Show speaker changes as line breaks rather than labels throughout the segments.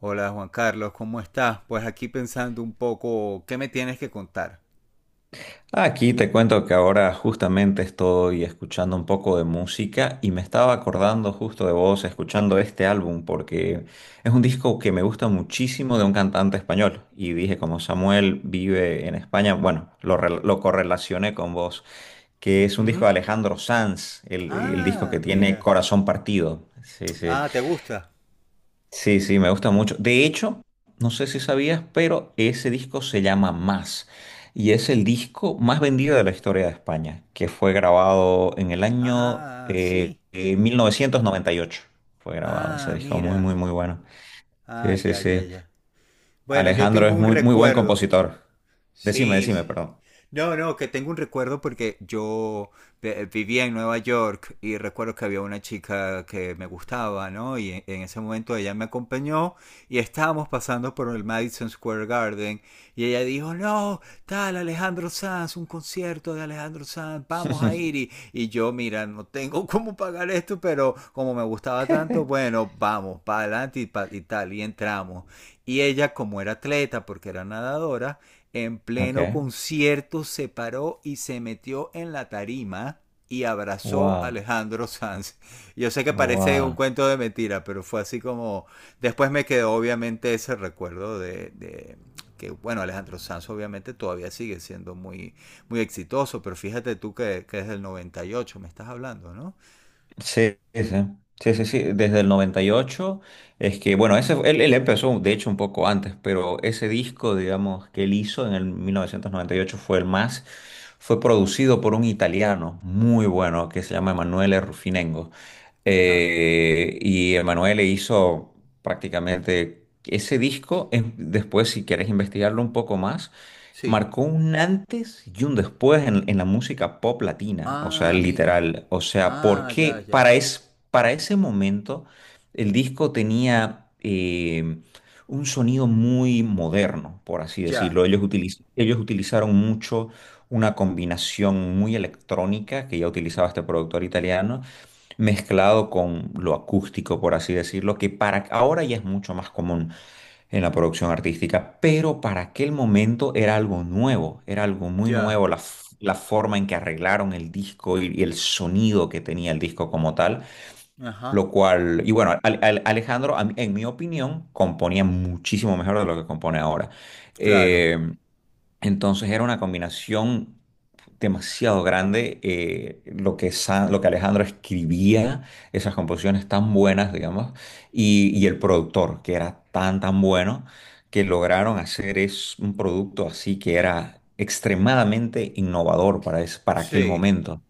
Hola Juan Carlos, ¿cómo estás? Pues aquí pensando un poco, ¿qué me tienes que contar?
Aquí te cuento que ahora justamente estoy escuchando un poco de música y me estaba acordando justo de vos escuchando este álbum porque es un disco que me gusta muchísimo de un cantante español y dije como Samuel vive en España, bueno, lo correlacioné con vos, que es un disco
Ujú.
de Alejandro Sanz, el disco
Ah,
que tiene
mira.
Corazón Partido. Sí, sí.
Ah, ¿te gusta?
Sí, sí, me gusta mucho. De hecho, no sé si sabías, pero ese disco se llama Más y es el disco más vendido de la historia de España, que fue grabado en el año
Ah, sí.
1998. Fue grabado ese
Ah,
disco, muy,
mira.
muy, muy bueno. Sí,
Ah,
sí,
ya, ya,
sí.
ya. Bueno, yo
Alejandro
tengo
es
un
muy, muy buen
recuerdo.
compositor. Decime,
Sí,
decime,
sí.
perdón.
No, no, que tengo un recuerdo porque yo vivía en Nueva York y recuerdo que había una chica que me gustaba, ¿no? Y en ese momento ella me acompañó y estábamos pasando por el Madison Square Garden y ella dijo, no, tal Alejandro Sanz, un concierto de Alejandro Sanz, vamos a ir. Y yo, mira, no tengo cómo pagar esto, pero como me gustaba tanto, bueno, vamos, para adelante y, y tal, y entramos. Y ella, como era atleta, porque era nadadora, en
Ok.
pleno concierto se paró y se metió en la tarima y abrazó a
Wow,
Alejandro Sanz. Yo sé que parece un
wow.
cuento de mentira, pero fue así como... Después me quedó obviamente ese recuerdo de que, bueno, Alejandro Sanz obviamente todavía sigue siendo muy, muy exitoso, pero fíjate tú que es del 98 me estás hablando, ¿no?
Sí, sí, sí, sí, sí, sí, desde el 98 es que, bueno, ese, él empezó, de hecho, un poco antes, pero ese disco, digamos, que él hizo en el 1998 fue el más, fue producido por un italiano muy bueno que se llama Emanuele Rufinengo.
Ajá.
Y Emanuele hizo prácticamente ese disco, después si quieres investigarlo un poco más,
Sí.
marcó un antes y un después en la música pop latina, o sea,
Ah, mira.
literal. O sea,
Ah, ya,
porque
ya.
para ese momento el disco tenía un sonido muy moderno, por así
Ya.
decirlo. Ellos utilizaron mucho una combinación muy electrónica que ya utilizaba este productor italiano mezclado con lo acústico, por así decirlo, que para ahora ya es mucho más común en la
Ujú.
producción artística, pero para aquel momento era algo nuevo, era algo muy
Ya.
nuevo, la forma en que arreglaron el disco y el sonido que tenía el disco como tal,
Ajá.
lo cual, y bueno, Alejandro, en mi opinión, componía muchísimo mejor de lo que compone ahora.
Claro.
Eh, entonces era una combinación demasiado grande lo que Alejandro escribía, esas composiciones tan buenas, digamos, y el productor, que era tan, tan bueno, que lograron hacer es un producto así que era extremadamente innovador para aquel
Sí.
momento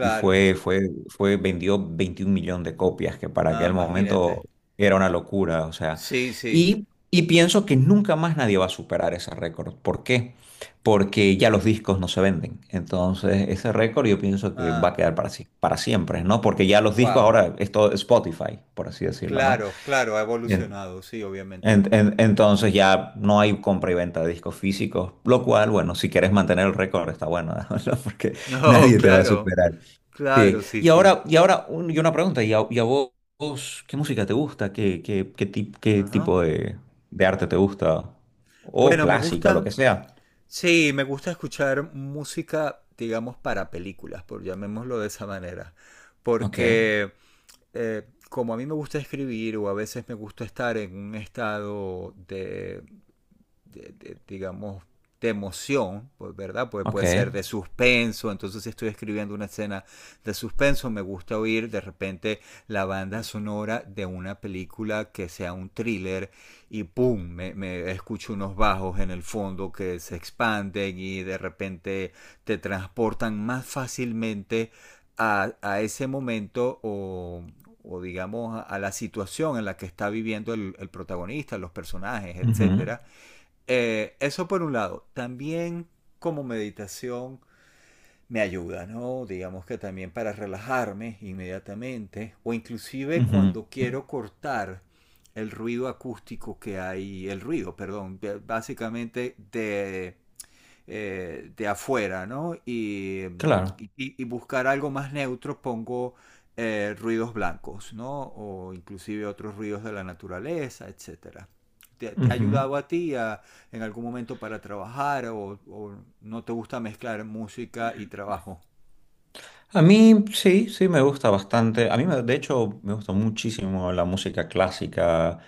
y vendió 21 millones de copias, que para
Ah,
aquel momento
imagínate.
era una locura, o sea,
Sí, sí.
y pienso que nunca más nadie va a superar ese récord. ¿Por qué? Porque ya los discos no se venden. Entonces, ese récord yo pienso que va a
Ah,
quedar para siempre, ¿no? Porque ya los discos
wow.
ahora es todo Spotify, por así decirlo, ¿no?
Claro, claro, ha
En-
evolucionado, sí, obviamente.
en- en- entonces ya no hay compra y venta de discos físicos, lo cual, bueno, si quieres mantener el récord está bueno, ¿no? Porque
No,
nadie te va a
claro,
superar. Sí,
claro, sí,
y
sí.
ahora, y una pregunta, ¿vos qué música te gusta? ¿Qué
Ajá.
tipo de arte te gusta? O
Bueno, me
clásica o lo que
gusta,
sea.
sí, me gusta escuchar música, digamos, para películas, por llamémoslo de esa manera,
Ok,
porque como a mí me gusta escribir o a veces me gusta estar en un estado de, de, digamos, de emoción, pues, ¿verdad? Pues
ok.
puede ser de suspenso, entonces si estoy escribiendo una escena de suspenso, me gusta oír de repente la banda sonora de una película que sea un thriller y ¡pum! Me escucho unos bajos en el fondo que se expanden y de repente te transportan más fácilmente a ese momento o digamos a la situación en la que está viviendo el protagonista, los personajes,
Ujú,
etcétera. Eso por un lado. También como meditación me ayuda, ¿no? Digamos que también para relajarme inmediatamente o inclusive
ujú.
cuando quiero cortar el ruido acústico que hay, el ruido, perdón, básicamente de afuera, ¿no? Y,
Claro.
y buscar algo más neutro pongo ruidos blancos, ¿no? O inclusive otros ruidos de la naturaleza, etcétera. ¿Te, te ha ayudado a ti a, en algún momento para trabajar o no te gusta mezclar música y trabajo?
A mí sí, sí me gusta bastante. A mí, de hecho, me gusta muchísimo la música clásica.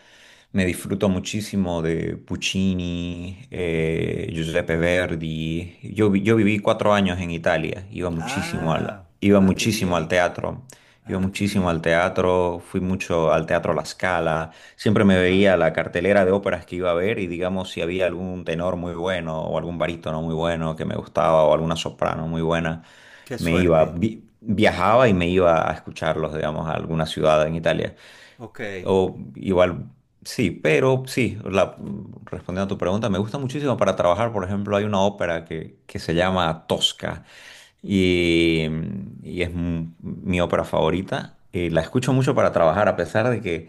Me disfruto muchísimo de Puccini,
Ujú.
Giuseppe Verdi. Yo viví 4 años en Italia. Iba muchísimo al,
Ah,
iba
ah, qué
muchísimo al
bien.
teatro. Iba
Ah, qué
muchísimo
bien.
al teatro, fui mucho al Teatro La Scala, siempre me
Ajá.
veía la cartelera de óperas que iba a ver y digamos si había algún tenor muy bueno o algún barítono muy bueno que me gustaba o alguna soprano muy buena,
Qué suerte.
viajaba y me iba a escucharlos, digamos, a alguna ciudad en Italia.
Ok.
O igual, sí, pero sí, respondiendo a tu pregunta, me gusta muchísimo para trabajar. Por ejemplo, hay una ópera que se llama Tosca y, y es mi ópera favorita. La escucho mucho para trabajar, a pesar de que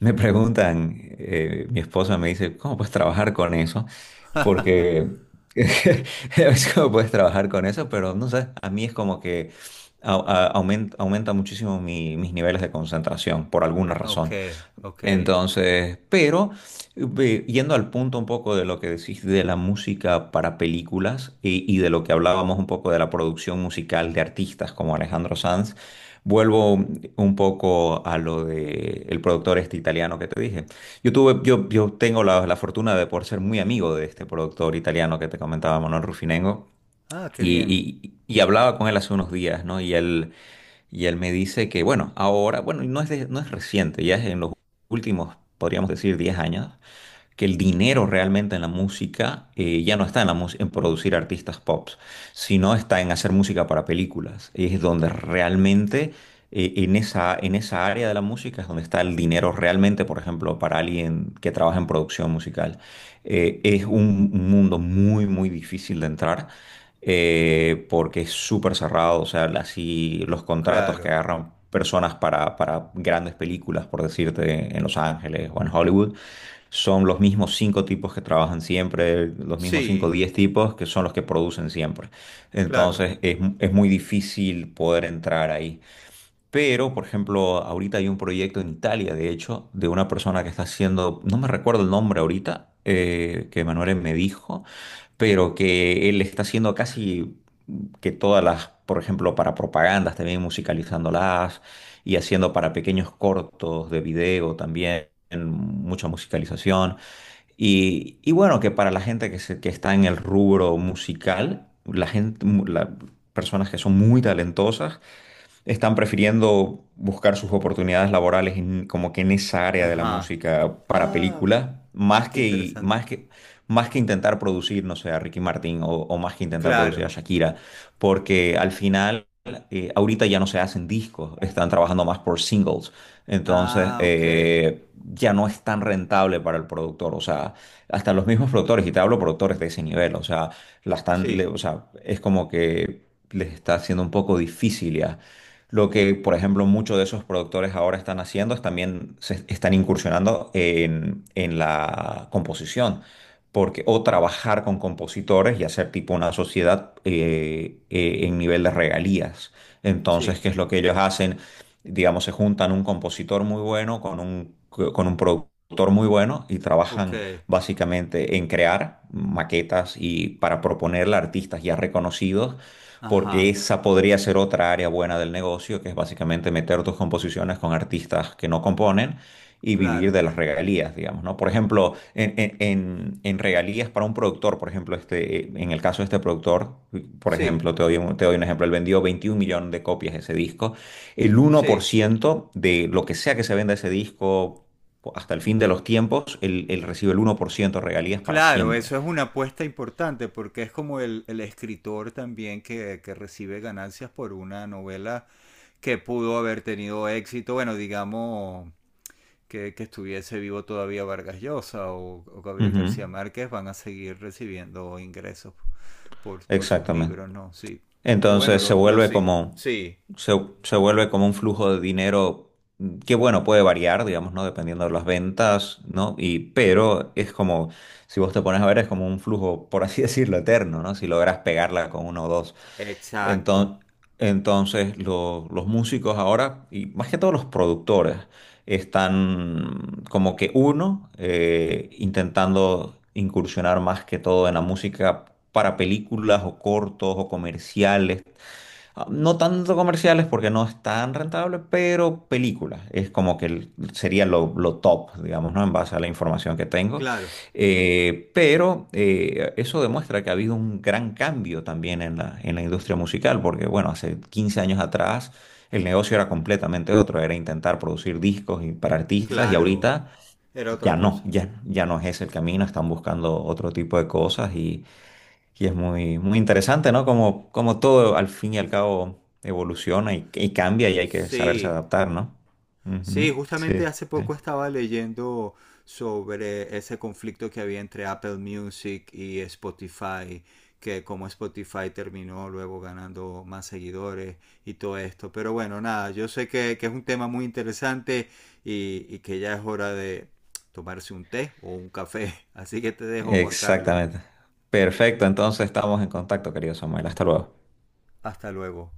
me preguntan, mi esposa me dice, ¿cómo puedes trabajar con eso? Porque es como puedes trabajar con eso, pero no sé, a mí es como que aumenta muchísimo mis niveles de concentración por alguna
Ok,
razón.
ok.
Entonces, pero yendo al punto un poco de lo que decís de la música para películas y de lo que hablábamos un poco de la producción musical de artistas como Alejandro Sanz, vuelvo un poco a lo de el productor este italiano que te dije. Yo tengo la fortuna de por ser muy amigo de este productor italiano que te comentaba, Manuel Rufinengo,
Ah, qué bien.
y hablaba con él hace unos días, ¿no? Y él me dice que, bueno, ahora, bueno, y no es reciente, ya es en los últimos, podríamos decir, 10 años, que el dinero realmente en la música ya no está en producir artistas pop, sino está en hacer música para películas. Es donde realmente, en esa área de la música es donde está el dinero realmente, por ejemplo, para alguien que trabaja en producción musical. Es un mundo muy, muy difícil de entrar. Porque es súper cerrado, o sea, así los contratos que
Claro.
agarran personas para grandes películas, por decirte, en Los Ángeles o en Hollywood, son los mismos cinco tipos que trabajan siempre, los mismos cinco o
Sí,
diez tipos que son los que producen siempre.
claro.
Entonces es muy difícil poder entrar ahí. Pero, por ejemplo, ahorita hay un proyecto en Italia, de hecho, de una persona que está haciendo, no me recuerdo el nombre ahorita, que Manuel me dijo, pero que él está haciendo casi que todas las, por ejemplo, para propagandas, también musicalizándolas y haciendo para pequeños cortos de video también, mucha musicalización. Y bueno, que para la gente que, que está en el rubro musical, la gente, mu- la- personas que son muy talentosas, están prefiriendo buscar sus oportunidades laborales como que en esa área de la
Ajá.
música para
Ah,
películas,
ah,
más
qué
que,
interesante.
más que, más que intentar producir, no sé, a Ricky Martin o más que intentar producir a
Claro.
Shakira, porque al final, ahorita ya no se hacen discos, están trabajando más por singles, entonces
Ah, ok.
ya no es tan rentable para el productor, o sea, hasta los mismos productores, y te hablo productores de ese nivel, o sea, la están,
Sí,
o sea, es como que les está haciendo un poco difícil ya. Lo que, por ejemplo, muchos de esos productores ahora están haciendo es también se están incursionando en la composición, porque, o trabajar con compositores y hacer tipo una sociedad en nivel de regalías. Entonces,
sí.
¿qué es lo que ellos hacen? Digamos, se juntan un compositor muy bueno con un productor muy bueno y
Ok.
trabajan básicamente en crear maquetas y para proponerle a artistas ya reconocidos porque
Ajá.
esa podría ser otra área buena del negocio, que es básicamente meter tus composiciones con artistas que no componen y vivir
Claro.
de las regalías, digamos, ¿no? Por ejemplo, en regalías para un productor, por ejemplo, este, en el caso de este productor, por
Sí,
ejemplo, te doy un ejemplo, él vendió 21 millones de copias de ese disco, el uno por
sí.
ciento de lo que sea que se venda ese disco... Hasta el fin de los tiempos, él recibe el 1% de regalías para
Claro,
siempre.
eso es una apuesta importante porque es como el escritor también que recibe ganancias por una novela que pudo haber tenido éxito, bueno, digamos que estuviese vivo todavía Vargas Llosa o Gabriel
Ujú.
García Márquez, van a seguir recibiendo ingresos por sus
Exactamente.
libros, ¿no? Sí. Que bueno,
Entonces
lo sí, sí,
se, se vuelve como un flujo de dinero que, bueno, puede variar, digamos, ¿no? Dependiendo de las ventas, ¿no? Y, pero es como, si vos te pones a ver, es como un flujo, por así decirlo, eterno, ¿no? Si logras pegarla con uno o dos.
exacto.
Enton- Entonces, los músicos ahora, y más que todo los productores, están como que uno, intentando incursionar más que todo en la música para películas o cortos o comerciales. Ah, no tanto comerciales porque no es tan rentable, pero películas. Es como que sería lo top, digamos, ¿no? En base a la información que tengo.
Claro,
Pero eso demuestra que ha habido un gran cambio también en la industria musical, porque bueno, hace 15 años atrás el negocio era completamente otro, era intentar producir discos para artistas y
claro.
ahorita
Era otra
ya no,
cosa.
ya no es ese el camino, están buscando otro tipo de cosas y... Y es muy, muy interesante, ¿no? Como todo al fin y al cabo evoluciona y cambia y hay que saberse
Sí.
adaptar, ¿no?
Sí,
Ujú. Sí,
justamente hace
sí.
poco estaba leyendo sobre ese conflicto que había entre Apple Music y Spotify, que como Spotify terminó luego ganando más seguidores y todo esto. Pero bueno, nada, yo sé que es un tema muy interesante y que ya es hora de tomarse un té o un café. Así que te dejo, Juan Carlos.
Exactamente. Perfecto, entonces estamos en contacto, querido Samuel. Hasta luego.
Hasta luego.